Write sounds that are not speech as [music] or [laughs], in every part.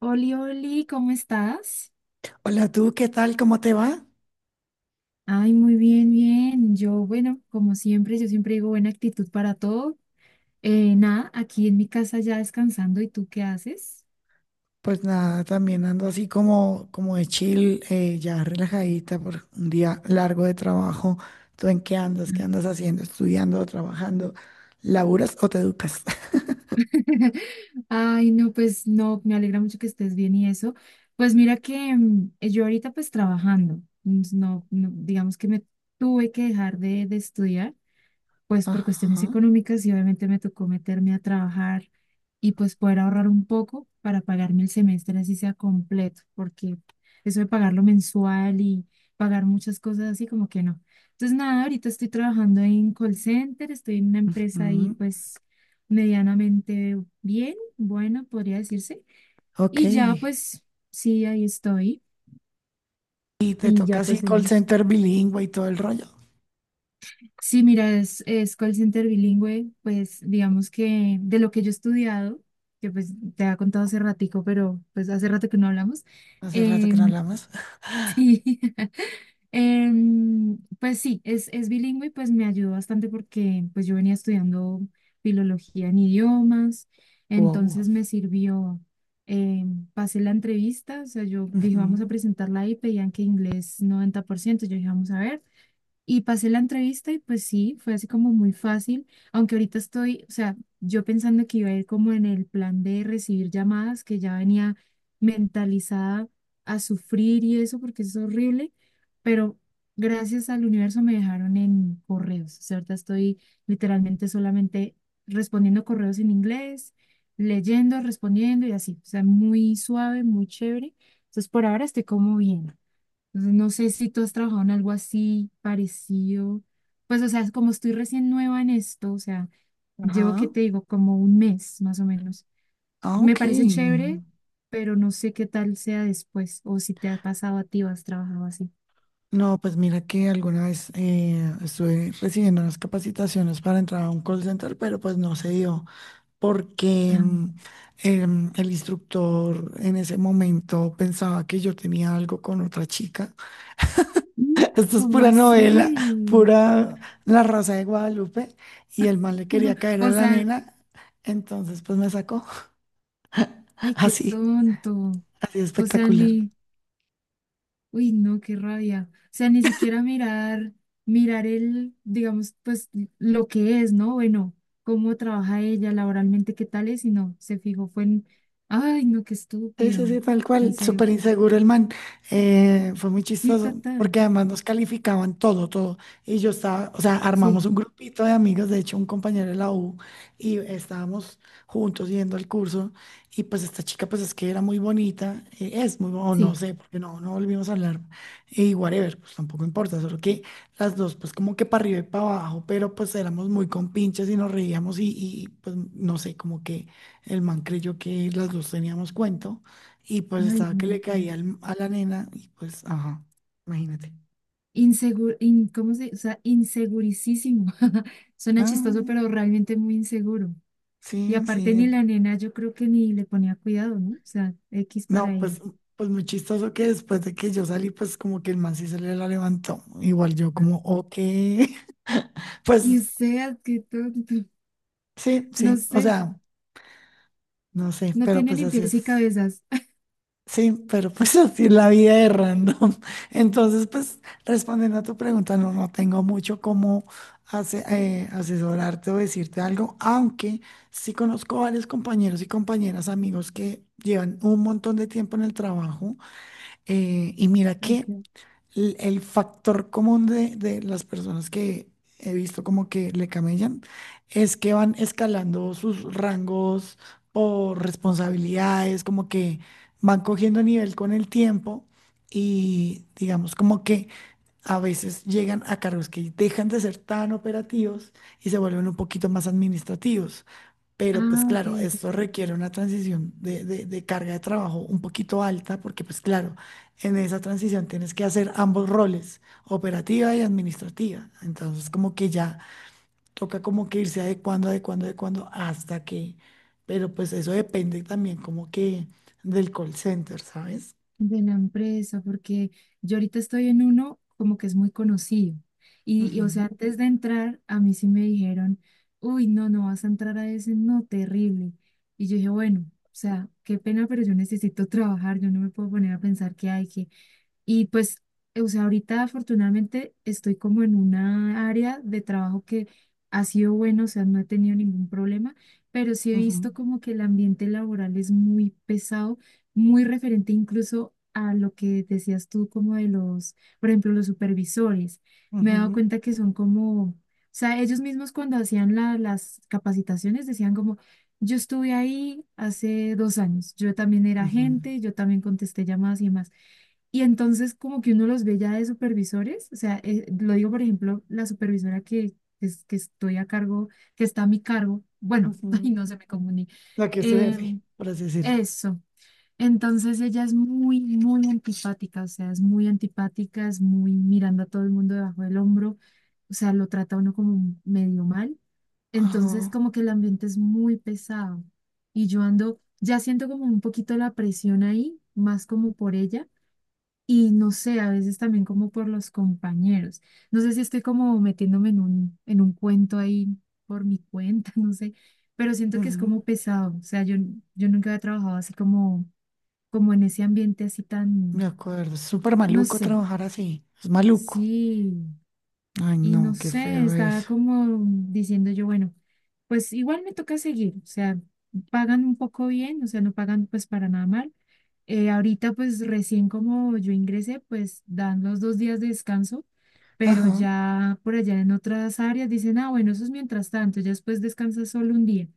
Oli, Oli, ¿cómo estás? Hola, tú, ¿qué tal? ¿Cómo te va? Ay, muy bien, bien. Yo, bueno, como siempre, yo siempre digo buena actitud para todo. Nada, aquí en mi casa ya descansando. ¿Y tú qué haces? Pues nada, también ando así como, como de chill, ya relajadita por un día largo de trabajo. ¿Tú en qué andas? ¿Qué andas [laughs] haciendo? ¿Estudiando, trabajando? ¿Laburas o te educas? Ay, no, pues no, me alegra mucho que estés bien y eso. Pues mira que yo ahorita pues trabajando, no, no, digamos que me tuve que dejar de estudiar pues [laughs] por cuestiones Ajá. económicas y obviamente me tocó meterme a trabajar y pues poder ahorrar un poco para pagarme el semestre así sea completo, porque eso de pagarlo mensual y pagar muchas cosas así como que no. Entonces nada, ahorita estoy trabajando en call center, estoy en una empresa ahí Mm, pues medianamente bien, bueno, podría decirse, ok. y ya pues sí, ahí estoy Y te y toca ya pues así call digamos. center bilingüe y todo el rollo. Sí, mira, es call center bilingüe, pues digamos que de lo que yo he estudiado, que pues te había contado hace ratico, pero pues hace rato que no hablamos, Hace rato que no em, hablamos. [laughs] sí, pues sí, es bilingüe y pues me ayudó bastante porque pues yo venía estudiando filología en idiomas, Wow. entonces me sirvió, pasé la entrevista, o sea, yo dije, vamos Ujú, a presentarla ahí, pedían que inglés 90%, yo dije, vamos a ver. Y pasé la entrevista y pues sí, fue así como muy fácil, aunque ahorita estoy, o sea, yo pensando que iba a ir como en el plan de recibir llamadas, que ya venía mentalizada a sufrir y eso, porque es horrible, pero gracias al universo me dejaron en correos, o sea, ahorita estoy literalmente solamente respondiendo correos en inglés, leyendo, respondiendo y así, o sea, muy suave, muy chévere. Entonces, por ahora estoy como bien. Entonces, no sé si tú has trabajado en algo así parecido. Pues, o sea, como estoy recién nueva en esto, o sea, llevo, ajá. ¿que te digo? Como un mes más o menos. Ah, Me ok. parece chévere, pero no sé qué tal sea después o si te ha pasado a ti o has trabajado así. No, pues mira que alguna vez estuve recibiendo unas capacitaciones para entrar a un call center, pero pues no se dio porque Ah, el instructor en ese momento pensaba que yo tenía algo con otra chica. mm, [laughs] Esto es ¿cómo pura novela, así? pura La Rosa de Guadalupe y el mal le quería [laughs] caer a O la sea, nena, entonces pues me sacó [laughs] ay, qué así, tonto. así O sea, espectacular. ni, uy, no, qué rabia. O sea, ni siquiera mirar el, digamos, pues lo que es, ¿no? Bueno, cómo trabaja ella laboralmente, qué tal es, y no, se fijó, fue en, ay, no, qué Sí, sí, estúpido. sí, tal En cual, serio. súper inseguro el man. Fue muy Sí, chistoso, total. porque además nos calificaban todo, todo. Y yo estaba, o sea, armamos Sí, un grupito de amigos, de hecho, un compañero de la U, y estábamos juntos yendo al curso. Y pues esta chica, pues es que era muy bonita, es muy, o no sí. sé, porque no, no volvimos a hablar. Y whatever, pues tampoco importa, solo que las dos, pues como que para arriba y para abajo, pero pues éramos muy compinches y nos reíamos, y pues no sé, como que el man creyó que las dos teníamos cuento. Y pues Ay, estaba que le no. caía a la nena y pues, ajá, imagínate. Inseguro, ¿cómo se? O sea, insegurísimo. [laughs] Suena chistoso, Ah, pero realmente muy inseguro. Y sí, aparte ni sí. la nena, yo creo que ni le ponía cuidado, ¿no? O sea, X para No, ella. pues, pues muy chistoso que después de que yo salí, pues como que el man sí se le la levantó. Igual yo como, ok. [laughs] Y Pues usted, qué tonto. sí, No sí, o sé, sea, no sé, no pero tiene pues ni así pies y es. cabezas. [laughs] Sí, pero [laughs] pues así es la vida de random. [laughs] Entonces, pues respondiendo a tu pregunta, no, no tengo mucho cómo asesorarte o decirte algo, aunque sí conozco varios compañeros y compañeras, amigos que llevan un montón de tiempo en el trabajo y mira que Okay. El factor común de las personas que he visto como que le camellan es que van escalando sus rangos o responsabilidades, como que van cogiendo nivel con el tiempo y digamos como que a veces llegan a cargos que dejan de ser tan operativos y se vuelven un poquito más administrativos. Pero pues Ah, ok, claro, ok. esto requiere una transición de carga de trabajo un poquito alta, porque pues claro, en esa transición tienes que hacer ambos roles, operativa y administrativa. Entonces como que ya toca como que irse adecuando, adecuando, adecuando hasta que, pero pues eso depende también como que del call center, ¿sabes? De la empresa, porque yo ahorita estoy en uno como que es muy conocido. Y, o sea, Ujú, antes de entrar, a mí sí me dijeron, uy, no, no vas a entrar a ese, no, terrible. Y yo dije, bueno, o sea, qué pena, pero yo necesito [laughs] trabajar, yo no me puedo poner a pensar que hay que, y pues, o sea, ahorita afortunadamente estoy como en una área de trabajo que ha sido bueno, o sea, no he tenido ningún problema, pero sí he visto como que el ambiente laboral es muy pesado, muy referente incluso a lo que decías tú como de los, por ejemplo, los supervisores. Me ujú, he dado ujú, cuenta que son como, o sea, ellos mismos cuando hacían las capacitaciones decían como, yo estuve ahí hace 2 años, yo también era ujú. agente, yo también contesté llamadas y demás y entonces como que uno los ve ya de supervisores, o sea, lo digo por ejemplo, la supervisora que, que estoy a cargo, que está a mi cargo, bueno, [laughs] ay, Ujú. no se me comuní. La que es tu Eh, jefe, por así decirlo. eso, entonces ella es muy, muy antipática, o sea, es muy antipática, es muy mirando a todo el mundo debajo del hombro, o sea, lo trata a uno como medio mal, entonces Ajá. como que el ambiente es muy pesado y yo ando, ya siento como un poquito la presión ahí, más como por ella y no sé, a veces también como por los compañeros. No sé si estoy como metiéndome en un, cuento ahí por mi cuenta, [laughs] no sé, pero siento que es como pesado. O sea, yo nunca había trabajado así como en ese ambiente así Me tan, acuerdo, es súper no maluco sé, trabajar así. Es maluco. sí. Ay, Y no no, qué sé, feo estaba eso. como diciendo yo, bueno, pues igual me toca seguir, o sea, pagan un poco bien, o sea, no pagan pues para nada mal. Ahorita pues recién como yo ingresé, pues dan los 2 días de descanso, pero Ajá. ya por allá en otras áreas dicen, ah, bueno, eso es mientras tanto, ya después descansas solo un día.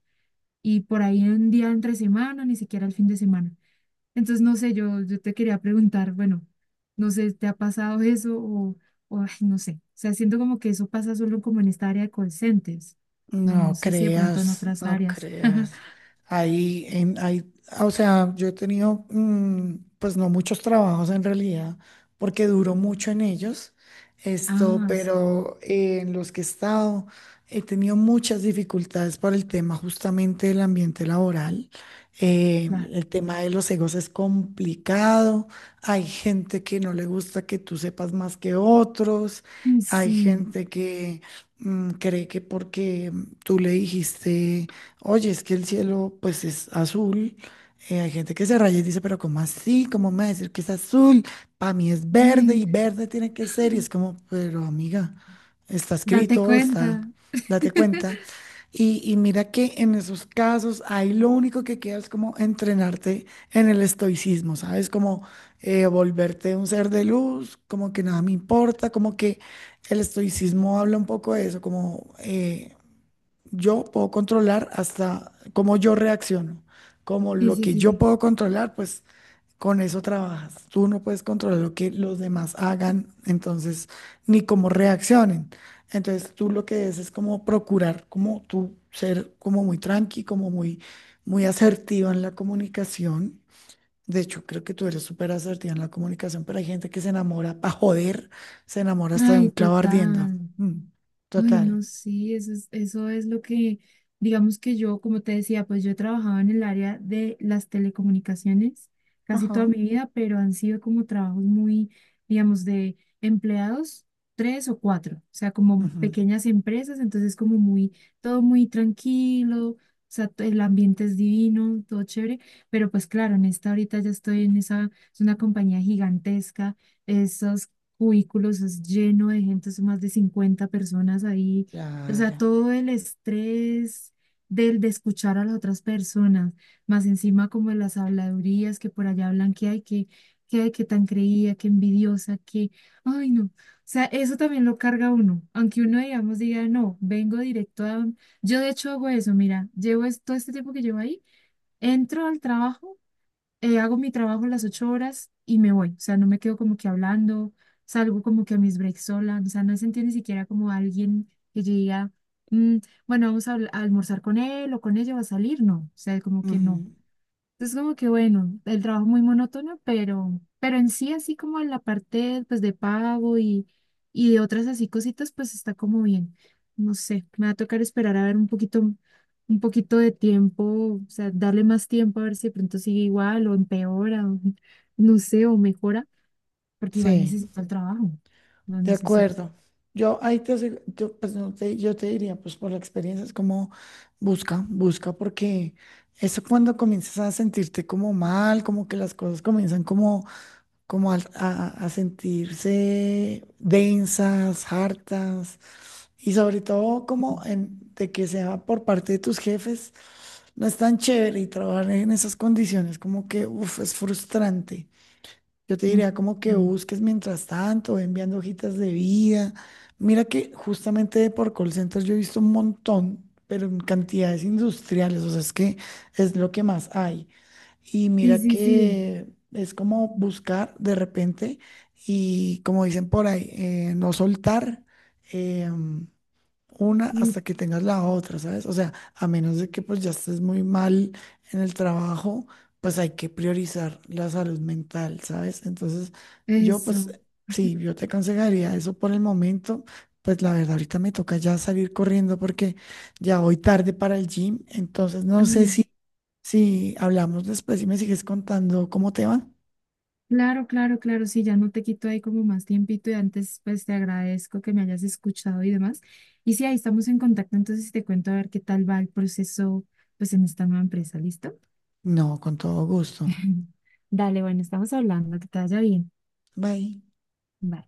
Y por ahí un día entre semana, ni siquiera el fin de semana. Entonces, no sé, yo te quería preguntar, bueno, no sé, ¿te ha pasado eso o, ay, no sé? O sea, siento como que eso pasa solo como en esta área de call centers. No, no No sé si de pronto en creas, otras no áreas. creas. [laughs] Ahí, o sea, yo he tenido, mm, pues no muchos trabajos en realidad, porque duró mucho en ellos, esto, Ah, pero en los que he estado he tenido muchas dificultades por el tema justamente del ambiente laboral. Claro. El tema de los egos es complicado. Hay gente que no le gusta que tú sepas más que otros. Ay, Hay sí. gente mm, cree que porque tú le dijiste, oye, es que el cielo pues es azul, hay gente que se raya y dice, pero ¿cómo así? ¿Cómo me va a decir que es azul? Para mí es verde y Ay, verde tiene que ser. Y es como, pero amiga, está date escrito, está, cuenta. date cuenta. Y mira que en esos casos ahí lo único que queda es como entrenarte en el estoicismo, ¿sabes? Como volverte un ser de luz, como que nada me importa, como que el estoicismo habla un poco de eso, como yo puedo controlar hasta cómo yo reacciono, como Sí, lo sí, que sí, yo sí. puedo controlar, pues con eso trabajas. Tú no puedes controlar lo que los demás hagan, entonces, ni cómo reaccionen. Entonces, tú lo que es como procurar, como tú ser como muy tranqui, como muy, muy asertiva en la comunicación, de hecho, creo que tú eres súper asertiva en la comunicación, pero hay gente que se enamora para joder, se enamora hasta de un Ay, clavo ardiendo. total. Mm, Ay, total. no, sí, eso es lo que, digamos que yo, como te decía, pues yo he trabajado en el área de las telecomunicaciones casi Ajá, toda mi vida, pero han sido como trabajos muy, digamos, de empleados, tres o cuatro, o sea, como ujú, pequeñas empresas, entonces como muy, todo muy tranquilo, o sea, el ambiente es divino, todo chévere, pero pues claro, en esta ahorita ya estoy en esa, es una compañía gigantesca, esos cubículos, es lleno de gente, son más de 50 personas ahí. O sea, claro, todo el estrés del de escuchar a las otras personas, más encima como de las habladurías que por allá hablan que hay, que hay, que tan creía, que envidiosa, que, ay no. O sea, eso también lo carga uno, aunque uno, digamos, diga, no, vengo directo a... Yo de hecho hago eso, mira, llevo todo este tiempo que llevo ahí, entro al trabajo hago mi trabajo las 8 horas y me voy, o sea, no me quedo como que hablando, salgo como que a mis breaks sola, o sea, no sentí ni siquiera como alguien que yo diga, "Mm, bueno, vamos a almorzar con él o con ella o a salir, no, o sea, como que no, ujú, es como que bueno, el trabajo muy monótono, pero en sí así como en la parte pues de pago y de otras así cositas, pues está como bien. No sé, me va a tocar esperar a ver un poquito de tiempo, o sea, darle más tiempo a ver si de pronto sigue igual o empeora, [laughs] no sé, o mejora, porque igual sí, necesito el trabajo, lo de necesito. acuerdo. Yo ahí te, asegu- yo, pues, no te- Yo te diría, pues por la experiencia, es como busca, busca, porque eso cuando comienzas a sentirte como mal, como que las cosas comienzan como, a sentirse densas, hartas. Y sobre todo como Sí, en, de que sea por parte de tus jefes, no es tan chévere y trabajar en esas condiciones como que, uff, es frustrante. Yo te mm, diría como que mm. busques mientras tanto, ve enviando hojitas de vida. Mira que justamente de por call centers yo he visto un montón, pero en cantidades industriales, o sea, es que es lo que más hay. Y Sí, mira sí, sí. que es como buscar de repente y como dicen por ahí, no soltar. em, una Mm, hasta que tengas la otra, ¿sabes? O sea, a menos de que pues ya estés muy mal en el trabajo, pues hay que priorizar la salud mental, ¿sabes? Entonces, yo pues eso. sí, yo te aconsejaría eso por el momento. Pues la verdad, ahorita me toca ya salir corriendo porque ya voy tarde para el gym. Entonces, Ah, no sé si, si hablamos después y me sigues contando cómo te va. claro, claro, claro, sí, ya no te quito ahí como más tiempito y antes pues te agradezco que me hayas escuchado y demás. Y sí, ahí estamos en contacto, entonces si te cuento a ver qué tal va el proceso pues en esta nueva empresa, ¿listo? No, con todo gusto. [laughs] Dale, bueno, estamos hablando, que te vaya bien. Bye. Bye.